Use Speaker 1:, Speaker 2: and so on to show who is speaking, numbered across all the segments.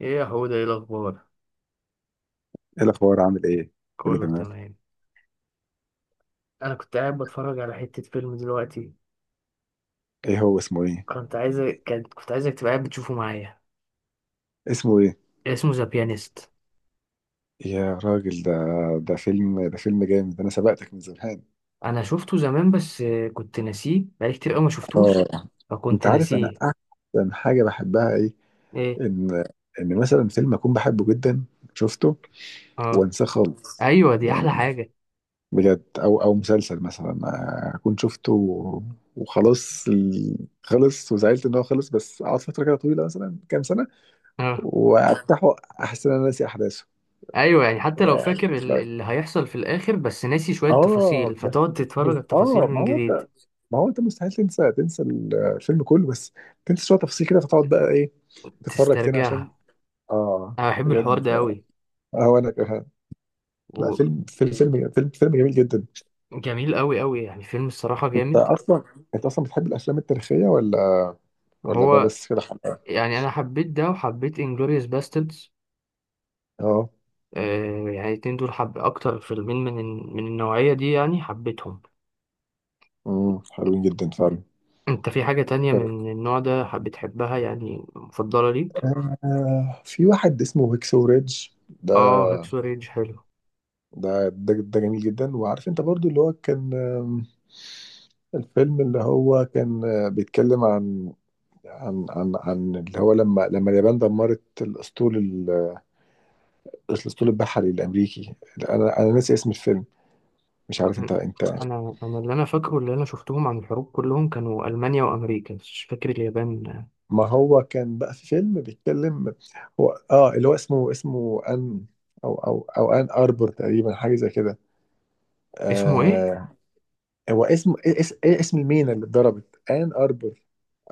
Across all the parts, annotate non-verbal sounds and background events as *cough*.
Speaker 1: ايه يا حوده، ايه الاخبار؟
Speaker 2: ايه الاخبار، عامل ايه؟ كله
Speaker 1: كله
Speaker 2: تمام.
Speaker 1: تمام. انا كنت قاعد بتفرج على حته فيلم دلوقتي.
Speaker 2: ايه هو، اسمه ايه؟
Speaker 1: كنت عايز كنت عايزك تبقى قاعد بتشوفه معايا.
Speaker 2: اسمه ايه؟
Speaker 1: اسمه ذا بيانيست.
Speaker 2: يا راجل، ده ده فيلم جامد، انا سبقتك من زمان.
Speaker 1: انا شفته زمان بس كنت ناسيه، بقالي كتير قوي ما شفتوش،
Speaker 2: اه،
Speaker 1: فكنت
Speaker 2: انت عارف انا
Speaker 1: ناسيه.
Speaker 2: احسن حاجه بحبها ايه؟
Speaker 1: ايه؟
Speaker 2: ان ان مثلا فيلم اكون بحبه جدا، شفته
Speaker 1: اه.
Speaker 2: وانساه خالص.
Speaker 1: ايوه دي
Speaker 2: يعني
Speaker 1: احلى حاجه.
Speaker 2: بجد، او مسلسل مثلا اكون شفته وخلاص خلص، وزعلت ان هو خلص، بس اقعد فتره كده طويله مثلا كام سنه
Speaker 1: اه.
Speaker 2: وافتحه، احس ان انا ناسي
Speaker 1: ايوه، يعني حتى لو فاكر
Speaker 2: احداثه.
Speaker 1: اللي هيحصل في الاخر بس ناسي شويه تفاصيل،
Speaker 2: اه بس.
Speaker 1: فتقعد تتفرج
Speaker 2: بس
Speaker 1: على التفاصيل
Speaker 2: اه ما
Speaker 1: من
Speaker 2: هو
Speaker 1: جديد.
Speaker 2: انت ما هو انت مستحيل تنسى الفيلم كله، بس تنسى شويه تفاصيل كده، فتقعد بقى ايه، تتفرج تاني عشان.
Speaker 1: تسترجعها.
Speaker 2: اه
Speaker 1: انا بحب الحوار
Speaker 2: بجد،
Speaker 1: ده قوي.
Speaker 2: اه انا كمان. لا، فيلم جميل جدا.
Speaker 1: وجميل قوي قوي، يعني فيلم الصراحه
Speaker 2: انت
Speaker 1: جامد.
Speaker 2: اصلا انت اصلا بتحب الافلام التاريخيه، ولا ولا ده
Speaker 1: هو
Speaker 2: بس كده حلقه؟
Speaker 1: يعني انا حبيت ده، وحبيت انجلوريوس باستردز.
Speaker 2: اه.
Speaker 1: آه، يعني الاتنين دول حب اكتر فيلمين من من النوعيه دي، يعني حبيتهم.
Speaker 2: امم، حلوين جدا فعلا.
Speaker 1: انت في حاجه تانية من النوع ده بتحبها، يعني مفضله ليك؟
Speaker 2: آه، في واحد اسمه هيكسو ريدج.
Speaker 1: اه، هيكسو ريدج حلو.
Speaker 2: ده جميل جدا. وعارف انت برضو اللي هو كان الفيلم اللي هو كان بيتكلم عن اللي هو لما اليابان دمرت الاسطول البحري الامريكي؟ انا ناسي اسم الفيلم، مش عارف انت
Speaker 1: انا اللي انا فاكره اللي انا شفتهم عن الحروب كلهم كانوا المانيا وامريكا، بس مش فاكر اليابان.
Speaker 2: ما هو كان بقى في فيلم بيتكلم، هو اه اللي هو اسمه ان، او ان اربور تقريبا، حاجه زي كده.
Speaker 1: اسمه ايه؟
Speaker 2: آه، هو اسم ايه إيه اسم المينا اللي اتضربت؟ ان اربور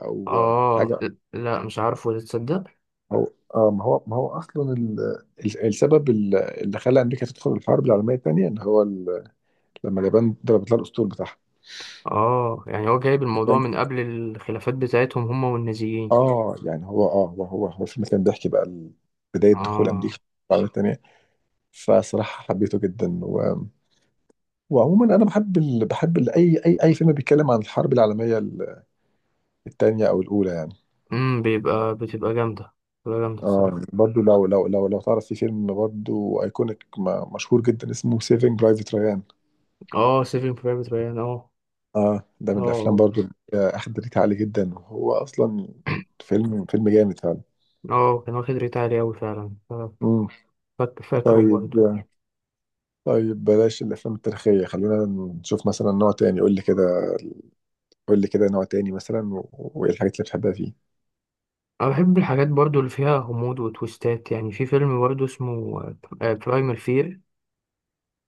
Speaker 2: او
Speaker 1: اه،
Speaker 2: حاجه.
Speaker 1: لا مش عارفه ده، تصدق.
Speaker 2: هو اه، ما هو اصلا السبب اللي خلى امريكا تدخل الحرب العالميه الثانيه ان هو لما اليابان ضربت لها الاسطول بتاعها.
Speaker 1: اه، يعني هو جايب الموضوع
Speaker 2: فاهم؟
Speaker 1: من قبل الخلافات بتاعتهم هما والنازيين.
Speaker 2: اه، يعني هو اه هو هو هو الفيلم كان بيحكي بقى بدايه دخول امريكا
Speaker 1: اه.
Speaker 2: الحرب العالميه الثانيه. فصراحه حبيته جدا، وعموما انا بحب ال... بحب ال... اي اي اي فيلم بيتكلم عن الحرب العالميه الثانيه او الاولى يعني.
Speaker 1: امم، بتبقى جامدة، بتبقى جامدة
Speaker 2: اه
Speaker 1: الصراحة.
Speaker 2: برضه، لو تعرف في فيلم برضه ايكونيك مشهور جدا اسمه سيفنج برايفت ريان.
Speaker 1: اه، سيفين برايفت ريان، اه
Speaker 2: اه، ده من الافلام
Speaker 1: اه.
Speaker 2: برضو اللي اخد ريت عالي جدا، وهو اصلا فيلم جامد فعلا.
Speaker 1: اه كان واخد ريت عالي أوي فعلا. آه،
Speaker 2: مم.
Speaker 1: فاكره
Speaker 2: طيب،
Speaker 1: برضه.
Speaker 2: طيب بلاش الافلام التاريخيه، خلينا نشوف مثلا نوع تاني. قول لي كده، قول لي كده نوع تاني مثلا، وايه الحاجات اللي بتحبها فيه؟
Speaker 1: أنا بحب الحاجات برضه اللي فيها غموض وتويستات. يعني في فيلم برضه اسمه برايمال فير.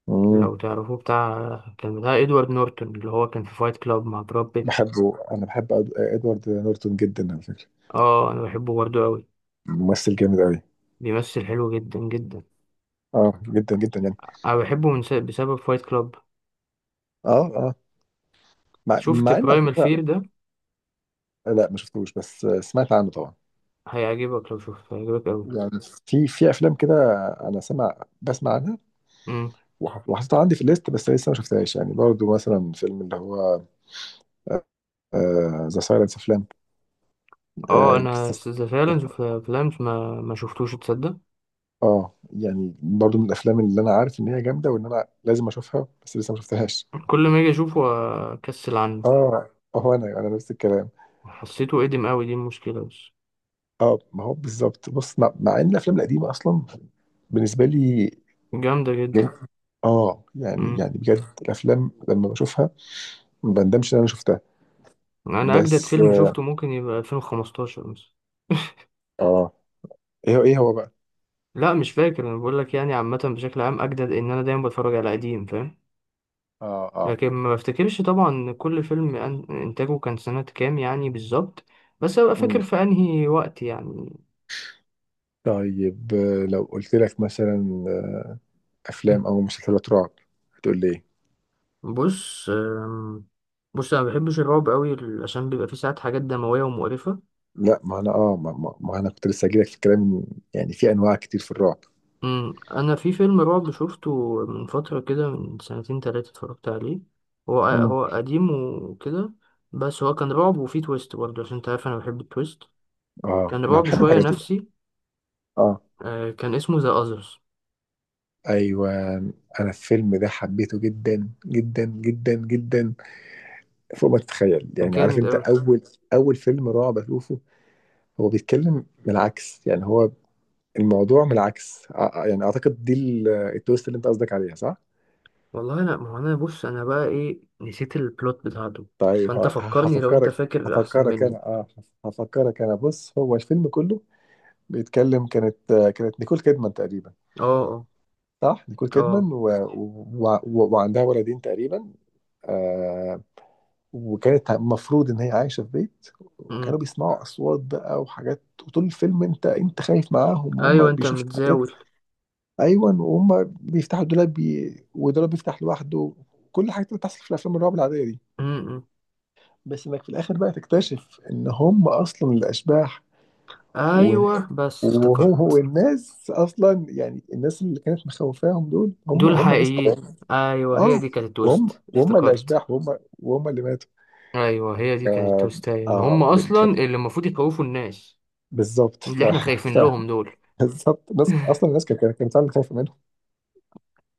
Speaker 2: مم.
Speaker 1: لو تعرفوه، بتاع كان بتاع إدوارد نورتون اللي هو كان في فايت كلاب مع براد بيت.
Speaker 2: بحبه، انا بحب ادوارد نورتون جدا على فكره،
Speaker 1: اه أنا بحبه برضه أوي.
Speaker 2: ممثل جامد قوي.
Speaker 1: بيمثل حلو جدا جدا.
Speaker 2: اه جدا جدا يعني.
Speaker 1: أنا بحبه من بسبب فايت كلاب.
Speaker 2: اه اه،
Speaker 1: شفت
Speaker 2: مع ان على
Speaker 1: برايمال
Speaker 2: فكره،
Speaker 1: فير ده؟
Speaker 2: لا ما شفتوش، بس سمعت عنه طبعا.
Speaker 1: هيعجبك لو شفته، هيعجبك
Speaker 2: يعني في في افلام كده انا سمع بسمع عنها
Speaker 1: أوي.
Speaker 2: وحطيتها عندي في الليست، بس لسه ما شفتهاش. يعني برضو مثلا فيلم اللي هو ذا سايلنس اوف لام، اه The Silence of
Speaker 1: اه
Speaker 2: Lamb. آه،
Speaker 1: انا ذا فالنس في فلانس ما شفتوش تصدق.
Speaker 2: آه، يعني برضو من الافلام اللي انا عارف ان هي جامده، وان انا لازم اشوفها، بس لسه ما شفتهاش.
Speaker 1: كل ما اجي اشوفه اكسل عنه.
Speaker 2: اه، هو انا نفس الكلام.
Speaker 1: حسيته قديم قوي دي المشكله بس.
Speaker 2: اه، ما هو بالظبط. بص، مع ان الافلام القديمه اصلا بالنسبه لي،
Speaker 1: جامده جدا.
Speaker 2: اه يعني
Speaker 1: امم،
Speaker 2: بجد الافلام لما بشوفها ما بندمش ان انا شفتها.
Speaker 1: انا اجدد
Speaker 2: بس.
Speaker 1: فيلم شفته ممكن يبقى 2015 مثلا.
Speaker 2: اه. ايه هو بقى؟
Speaker 1: لا مش فاكر، انا بقول لك يعني عامه بشكل عام اجدد ان انا دايما بتفرج على قديم، فاهم.
Speaker 2: اه اه.
Speaker 1: لكن ما بفتكرش طبعا كل فيلم انتاجه كان سنه كام يعني بالظبط، بس ابقى
Speaker 2: مم.
Speaker 1: فاكر في انهي وقت يعني.
Speaker 2: طيب، لو قلت لك مثلا افلام او مسلسلات رعب، هتقول لي ايه؟
Speaker 1: بص بص انا ما بحبش الرعب قوي، عشان بيبقى فيه ساعات حاجات دمويه ومقرفه.
Speaker 2: لا، ما انا اه ما انا كنت لسه هجيلك في الكلام، يعني في انواع كتير في الرعب.
Speaker 1: أمم، انا في فيلم رعب شفته من فتره كده، من سنتين تلاتة اتفرجت عليه. هو
Speaker 2: مم.
Speaker 1: هو قديم وكده. بس هو كان رعب وفيه تويست برضه، عشان انت عارف انا بحب التويست.
Speaker 2: اه،
Speaker 1: كان
Speaker 2: انا
Speaker 1: رعب
Speaker 2: بحب
Speaker 1: شويه
Speaker 2: الحاجات دي.
Speaker 1: نفسي.
Speaker 2: اه
Speaker 1: آه، كان اسمه ذا اذرز.
Speaker 2: ايوه، انا الفيلم ده حبيته جدا فوق ما تتخيل.
Speaker 1: كان
Speaker 2: يعني عارف
Speaker 1: جامد
Speaker 2: انت،
Speaker 1: قوي.
Speaker 2: اول فيلم رعب اشوفه، هو بيتكلم من العكس. يعني هو الموضوع من العكس، يعني اعتقد دي التويست اللي انت قصدك عليها، صح؟
Speaker 1: والله لا، ما هو انا بص انا بقى ايه، نسيت البلوت بتاعته.
Speaker 2: طيب
Speaker 1: فانت فكرني لو انت فاكر احسن
Speaker 2: هفكرك
Speaker 1: مني.
Speaker 2: انا، اه، هفكرك انا. بص، هو الفيلم كله بيتكلم، كانت نيكول كيدمان تقريبا،
Speaker 1: اه اه
Speaker 2: صح؟ نيكول
Speaker 1: اه.
Speaker 2: كيدمان وعندها ولدين تقريبا. آه، وكانت المفروض ان هي عايشه في بيت، وكانوا
Speaker 1: أمم.
Speaker 2: بيسمعوا اصوات بقى وحاجات، وطول الفيلم انت خايف معاهم، وهم
Speaker 1: ايوه انت
Speaker 2: بيشوفوا حاجات.
Speaker 1: متزاول.
Speaker 2: ايوه، وهم بيفتحوا الدولاب بي... والدولاب بيفتح لوحده، كل الحاجات اللي بتحصل في الافلام الرعب العاديه دي.
Speaker 1: م-م.
Speaker 2: بس انك في الاخر بقى تكتشف ان هم اصلا الاشباح. و-
Speaker 1: ايوه بس
Speaker 2: وهو
Speaker 1: افتكرت.
Speaker 2: والناس اصلا، يعني الناس اللي كانت مخوفاهم دول
Speaker 1: دول
Speaker 2: هم ناس
Speaker 1: الحقيقيين.
Speaker 2: طبيعيين.
Speaker 1: ايوه هي
Speaker 2: اه،
Speaker 1: دي كانت
Speaker 2: وهم
Speaker 1: التويست،
Speaker 2: وهم
Speaker 1: افتكرت.
Speaker 2: الاشباح، وهم اللي ماتوا.
Speaker 1: ايوه هي دي كانت
Speaker 2: اه,
Speaker 1: التويست، أيوة. ان هم
Speaker 2: آه.
Speaker 1: اصلا
Speaker 2: ف-،
Speaker 1: اللي المفروض يخوفوا الناس،
Speaker 2: بالظبط. ف...،
Speaker 1: اللي احنا خايفين
Speaker 2: ف...،
Speaker 1: لهم دول.
Speaker 2: بالظبط، ناس اصلا الناس كانت فعلا خايفه منهم.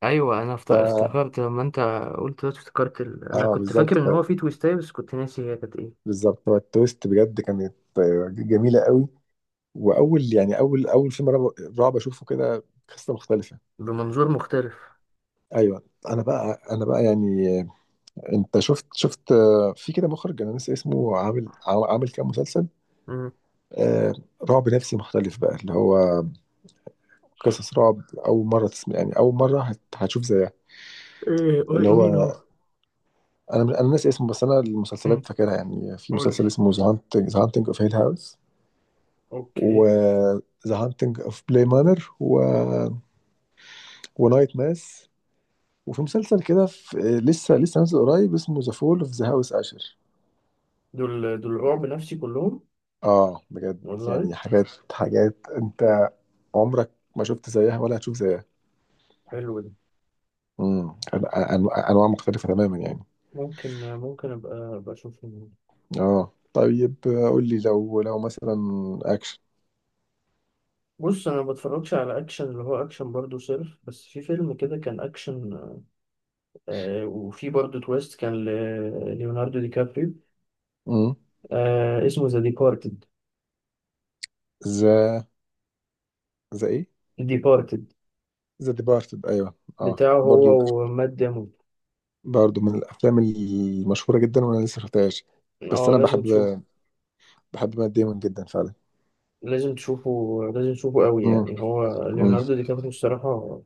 Speaker 1: ايوه انا
Speaker 2: ف...،
Speaker 1: افتكرت لما انت قلت دلوقتي، افتكرت ال... انا
Speaker 2: اه
Speaker 1: كنت
Speaker 2: بالظبط.
Speaker 1: فاكر ان
Speaker 2: ف...،
Speaker 1: هو في تويستاية بس كنت ناسي هي كانت ايه.
Speaker 2: بالظبط، هو التويست بجد كانت آه، جميله قوي. واول يعني اول فيلم رعب اشوفه كده قصه مختلفه.
Speaker 1: بمنظور مختلف.
Speaker 2: ايوه. انا بقى، يعني انت شفت آه، في كده مخرج انا ناسي اسمه، عامل عامل كام مسلسل
Speaker 1: م.
Speaker 2: آه، رعب نفسي مختلف بقى، اللي هو قصص رعب اول مره تسمع، يعني اول مره هتشوف زيها.
Speaker 1: ايه إيه،
Speaker 2: اللي
Speaker 1: مين
Speaker 2: هو
Speaker 1: هو؟
Speaker 2: انا ناسي اسمه، بس انا
Speaker 1: م.
Speaker 2: المسلسلات فاكرها. يعني في
Speaker 1: قول لي.
Speaker 2: مسلسل اسمه ذا هانتنج، ذا هانتنج اوف هيل هاوس،
Speaker 1: اوكي.
Speaker 2: وذا هانتنج اوف بلاي مانر، ونايت ماس، وفي مسلسل كده لسه نازل قريب اسمه ذا فول اوف ذا هاوس اشر.
Speaker 1: دول دول رعب نفسي كلهم؟
Speaker 2: اه بجد،
Speaker 1: والله
Speaker 2: يعني حاجات انت عمرك ما شفت زيها ولا هتشوف زيها.
Speaker 1: حلو ده.
Speaker 2: امم. انواع مختلفه تماما يعني.
Speaker 1: ممكن ممكن ابقى اشوفهم.
Speaker 2: اه طيب، قول لي لو مثلا اكشن.
Speaker 1: بص انا ما بتفرجش على اكشن اللي هو اكشن برضه صرف، بس في فيلم كده كان اكشن، آه وفي برضه تويست، كان ليوناردو دي كابريو.
Speaker 2: امم.
Speaker 1: آه اسمه ذا ديبارتد.
Speaker 2: ذا، ذا ايه
Speaker 1: ديبارتد.
Speaker 2: ذا ديبارتد، ايوه. اه
Speaker 1: بتاعه
Speaker 2: برضو،
Speaker 1: هو ومات ديمون.
Speaker 2: برضو من الافلام المشهوره جدا وانا لسه شفتهاش، بس
Speaker 1: اه
Speaker 2: انا
Speaker 1: لازم
Speaker 2: بحب،
Speaker 1: تشوفه،
Speaker 2: بحب مات ديمون جدا فعلا.
Speaker 1: لازم تشوفه، لازم تشوفه قوي
Speaker 2: امم.
Speaker 1: يعني، هو
Speaker 2: امم.
Speaker 1: ليوناردو دي كابريو الصراحة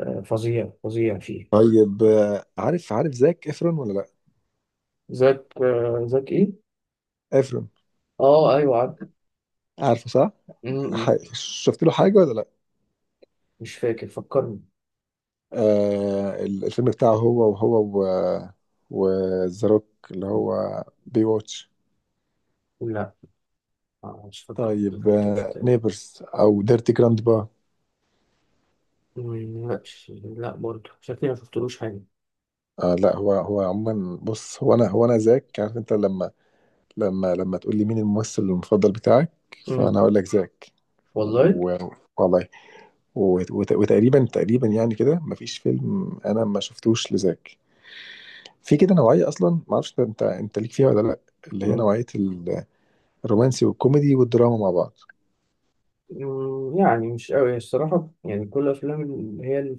Speaker 1: آه فظيع فظيع فيه.
Speaker 2: طيب، عارف، عارف زاك افرون ولا لا؟
Speaker 1: زاك آه، زاك ايه؟
Speaker 2: افرون.
Speaker 1: اه ايوه عارف.
Speaker 2: عارفه، صح؟
Speaker 1: م-. م.
Speaker 2: شفت له حاجه ولا لا؟
Speaker 1: مش فاكر، فكرني.
Speaker 2: آه، الفيلم بتاعه هو، و وذا اللي هو بي واتش؟
Speaker 1: لا، آه، مش فاكر، مش
Speaker 2: طيب،
Speaker 1: مش
Speaker 2: آه،
Speaker 1: متهيألي.
Speaker 2: نيبرز او ديرتي جراند با؟
Speaker 1: مم، لا. لا برضه شكلي ما شفتلوش حاجة.
Speaker 2: آه لا، هو عموما بص، هو انا هو انا زاك، عارف انت لما لما تقول لي مين الممثل المفضل بتاعك،
Speaker 1: مم.
Speaker 2: فانا اقول لك زاك.
Speaker 1: والله.
Speaker 2: و- والله، وتقريبا يعني كده مفيش فيلم انا ما شفتوش لزاك. في كده نوعيه اصلا ما اعرفش انت ليك فيها ولا لا، اللي هي
Speaker 1: مم.
Speaker 2: نوعيه الرومانسي والكوميدي والدراما مع بعض.
Speaker 1: مم، يعني مش قوي الصراحة، يعني كل الأفلام اللي هي اللي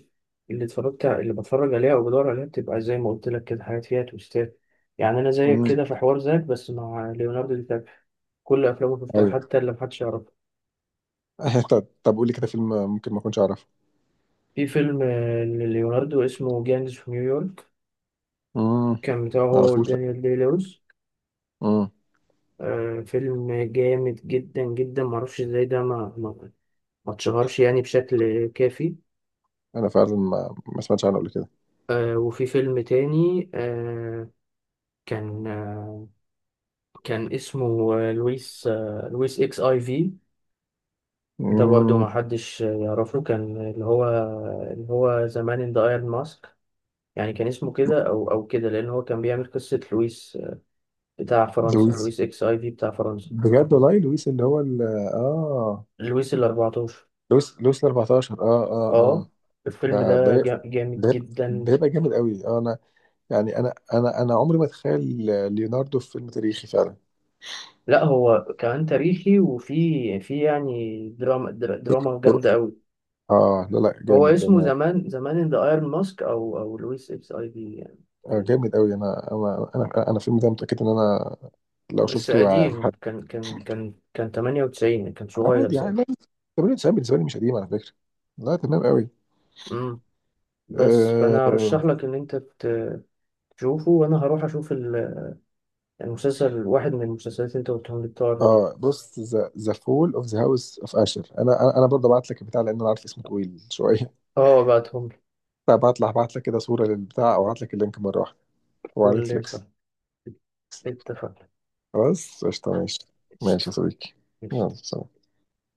Speaker 1: اللي اتفرجت اللي بتفرج عليها أو بدور عليها بتبقى زي ما قلت لك كده، حاجات فيها تويستات. يعني أنا زيك
Speaker 2: امم.
Speaker 1: كده في حوار ذاك، بس مع ليوناردو دي كابري كل أفلامه شفتها
Speaker 2: ايوه.
Speaker 1: حتى اللي محدش يعرفها.
Speaker 2: *laughs* طب، طب قولي كده فيلم ممكن ما اكونش اعرفه.
Speaker 1: في فيلم آه، لليوناردو اسمه جانجز في نيويورك.
Speaker 2: امم.
Speaker 1: كان بتاعه
Speaker 2: ما
Speaker 1: هو
Speaker 2: اعرفوش.
Speaker 1: ودانيال دي لويس.
Speaker 2: امم.
Speaker 1: آه، فيلم جامد جدا جدا، معرفش ازاي ده ما ما اتشهرش يعني بشكل كافي.
Speaker 2: انا فعلا ما سمعتش عنه قبل كده.
Speaker 1: آه وفي فيلم تاني، آه كان آه كان اسمه آه، لويس، آه لويس اكس اي في. ده برضه
Speaker 2: امم.
Speaker 1: ما حدش يعرفه، كان اللي هو اللي هو زمان ان ذا ايرون ماسك. يعني كان اسمه كده او او كده، لان هو كان بيعمل قصة لويس، آه، بتاع فرنسا،
Speaker 2: لويس،
Speaker 1: لويس اكس اي في بتاع فرنسا.
Speaker 2: بجد والله، لويس اللي هو ال، اه.
Speaker 1: لويس ال 14،
Speaker 2: لويس، لويس ال 14. اه اه
Speaker 1: اه.
Speaker 2: اه.
Speaker 1: الفيلم
Speaker 2: ده
Speaker 1: ده
Speaker 2: ده
Speaker 1: جامد
Speaker 2: ده
Speaker 1: جدا.
Speaker 2: ده يبقى جامد قوي. آه انا يعني، انا عمري ما اتخيل ليوناردو في فيلم تاريخي فعلا.
Speaker 1: لا هو كمان تاريخي، وفي في يعني دراما، دراما جامدة قوي.
Speaker 2: اه لا لا،
Speaker 1: هو
Speaker 2: جامد ده
Speaker 1: اسمه
Speaker 2: انا.
Speaker 1: زمان زمان ان ذا ايرون ماسك او او لويس اكس اي في يعني.
Speaker 2: آه، جامد قوي. انا الفيلم ده متاكد ان انا لو
Speaker 1: بس
Speaker 2: شفته.
Speaker 1: قديم، كان 98، كان صغير
Speaker 2: عادي
Speaker 1: ساعتها.
Speaker 2: لا، 98 بالنسبه لي مش قديم على فكره. لا تمام قوي.
Speaker 1: امم، بس فانا
Speaker 2: اه,
Speaker 1: ارشح لك ان انت تشوفه، وانا هروح اشوف المسلسل، واحد من المسلسلات اللي انت قلتهم لي بتوع الرعب.
Speaker 2: آه. بص، ذا فول اوف ذا هاوس اوف اشر، انا انا أنا برضه ابعت لك البتاع، لان انا عارف اسمه طويل شويه. *laughs*
Speaker 1: اه بعتهم لي.
Speaker 2: فابعت لك، ابعت لك كده صوره للبتاع، او ابعت لك اللينك مره واحده، هو على
Speaker 1: قول لي صح.
Speaker 2: نتفليكس.
Speaker 1: اتفقنا.
Speaker 2: خلاص قشطه، ماشي. ماشي يا
Speaker 1: قشطة.
Speaker 2: صديقي، يلا
Speaker 1: قشطة.
Speaker 2: سلام.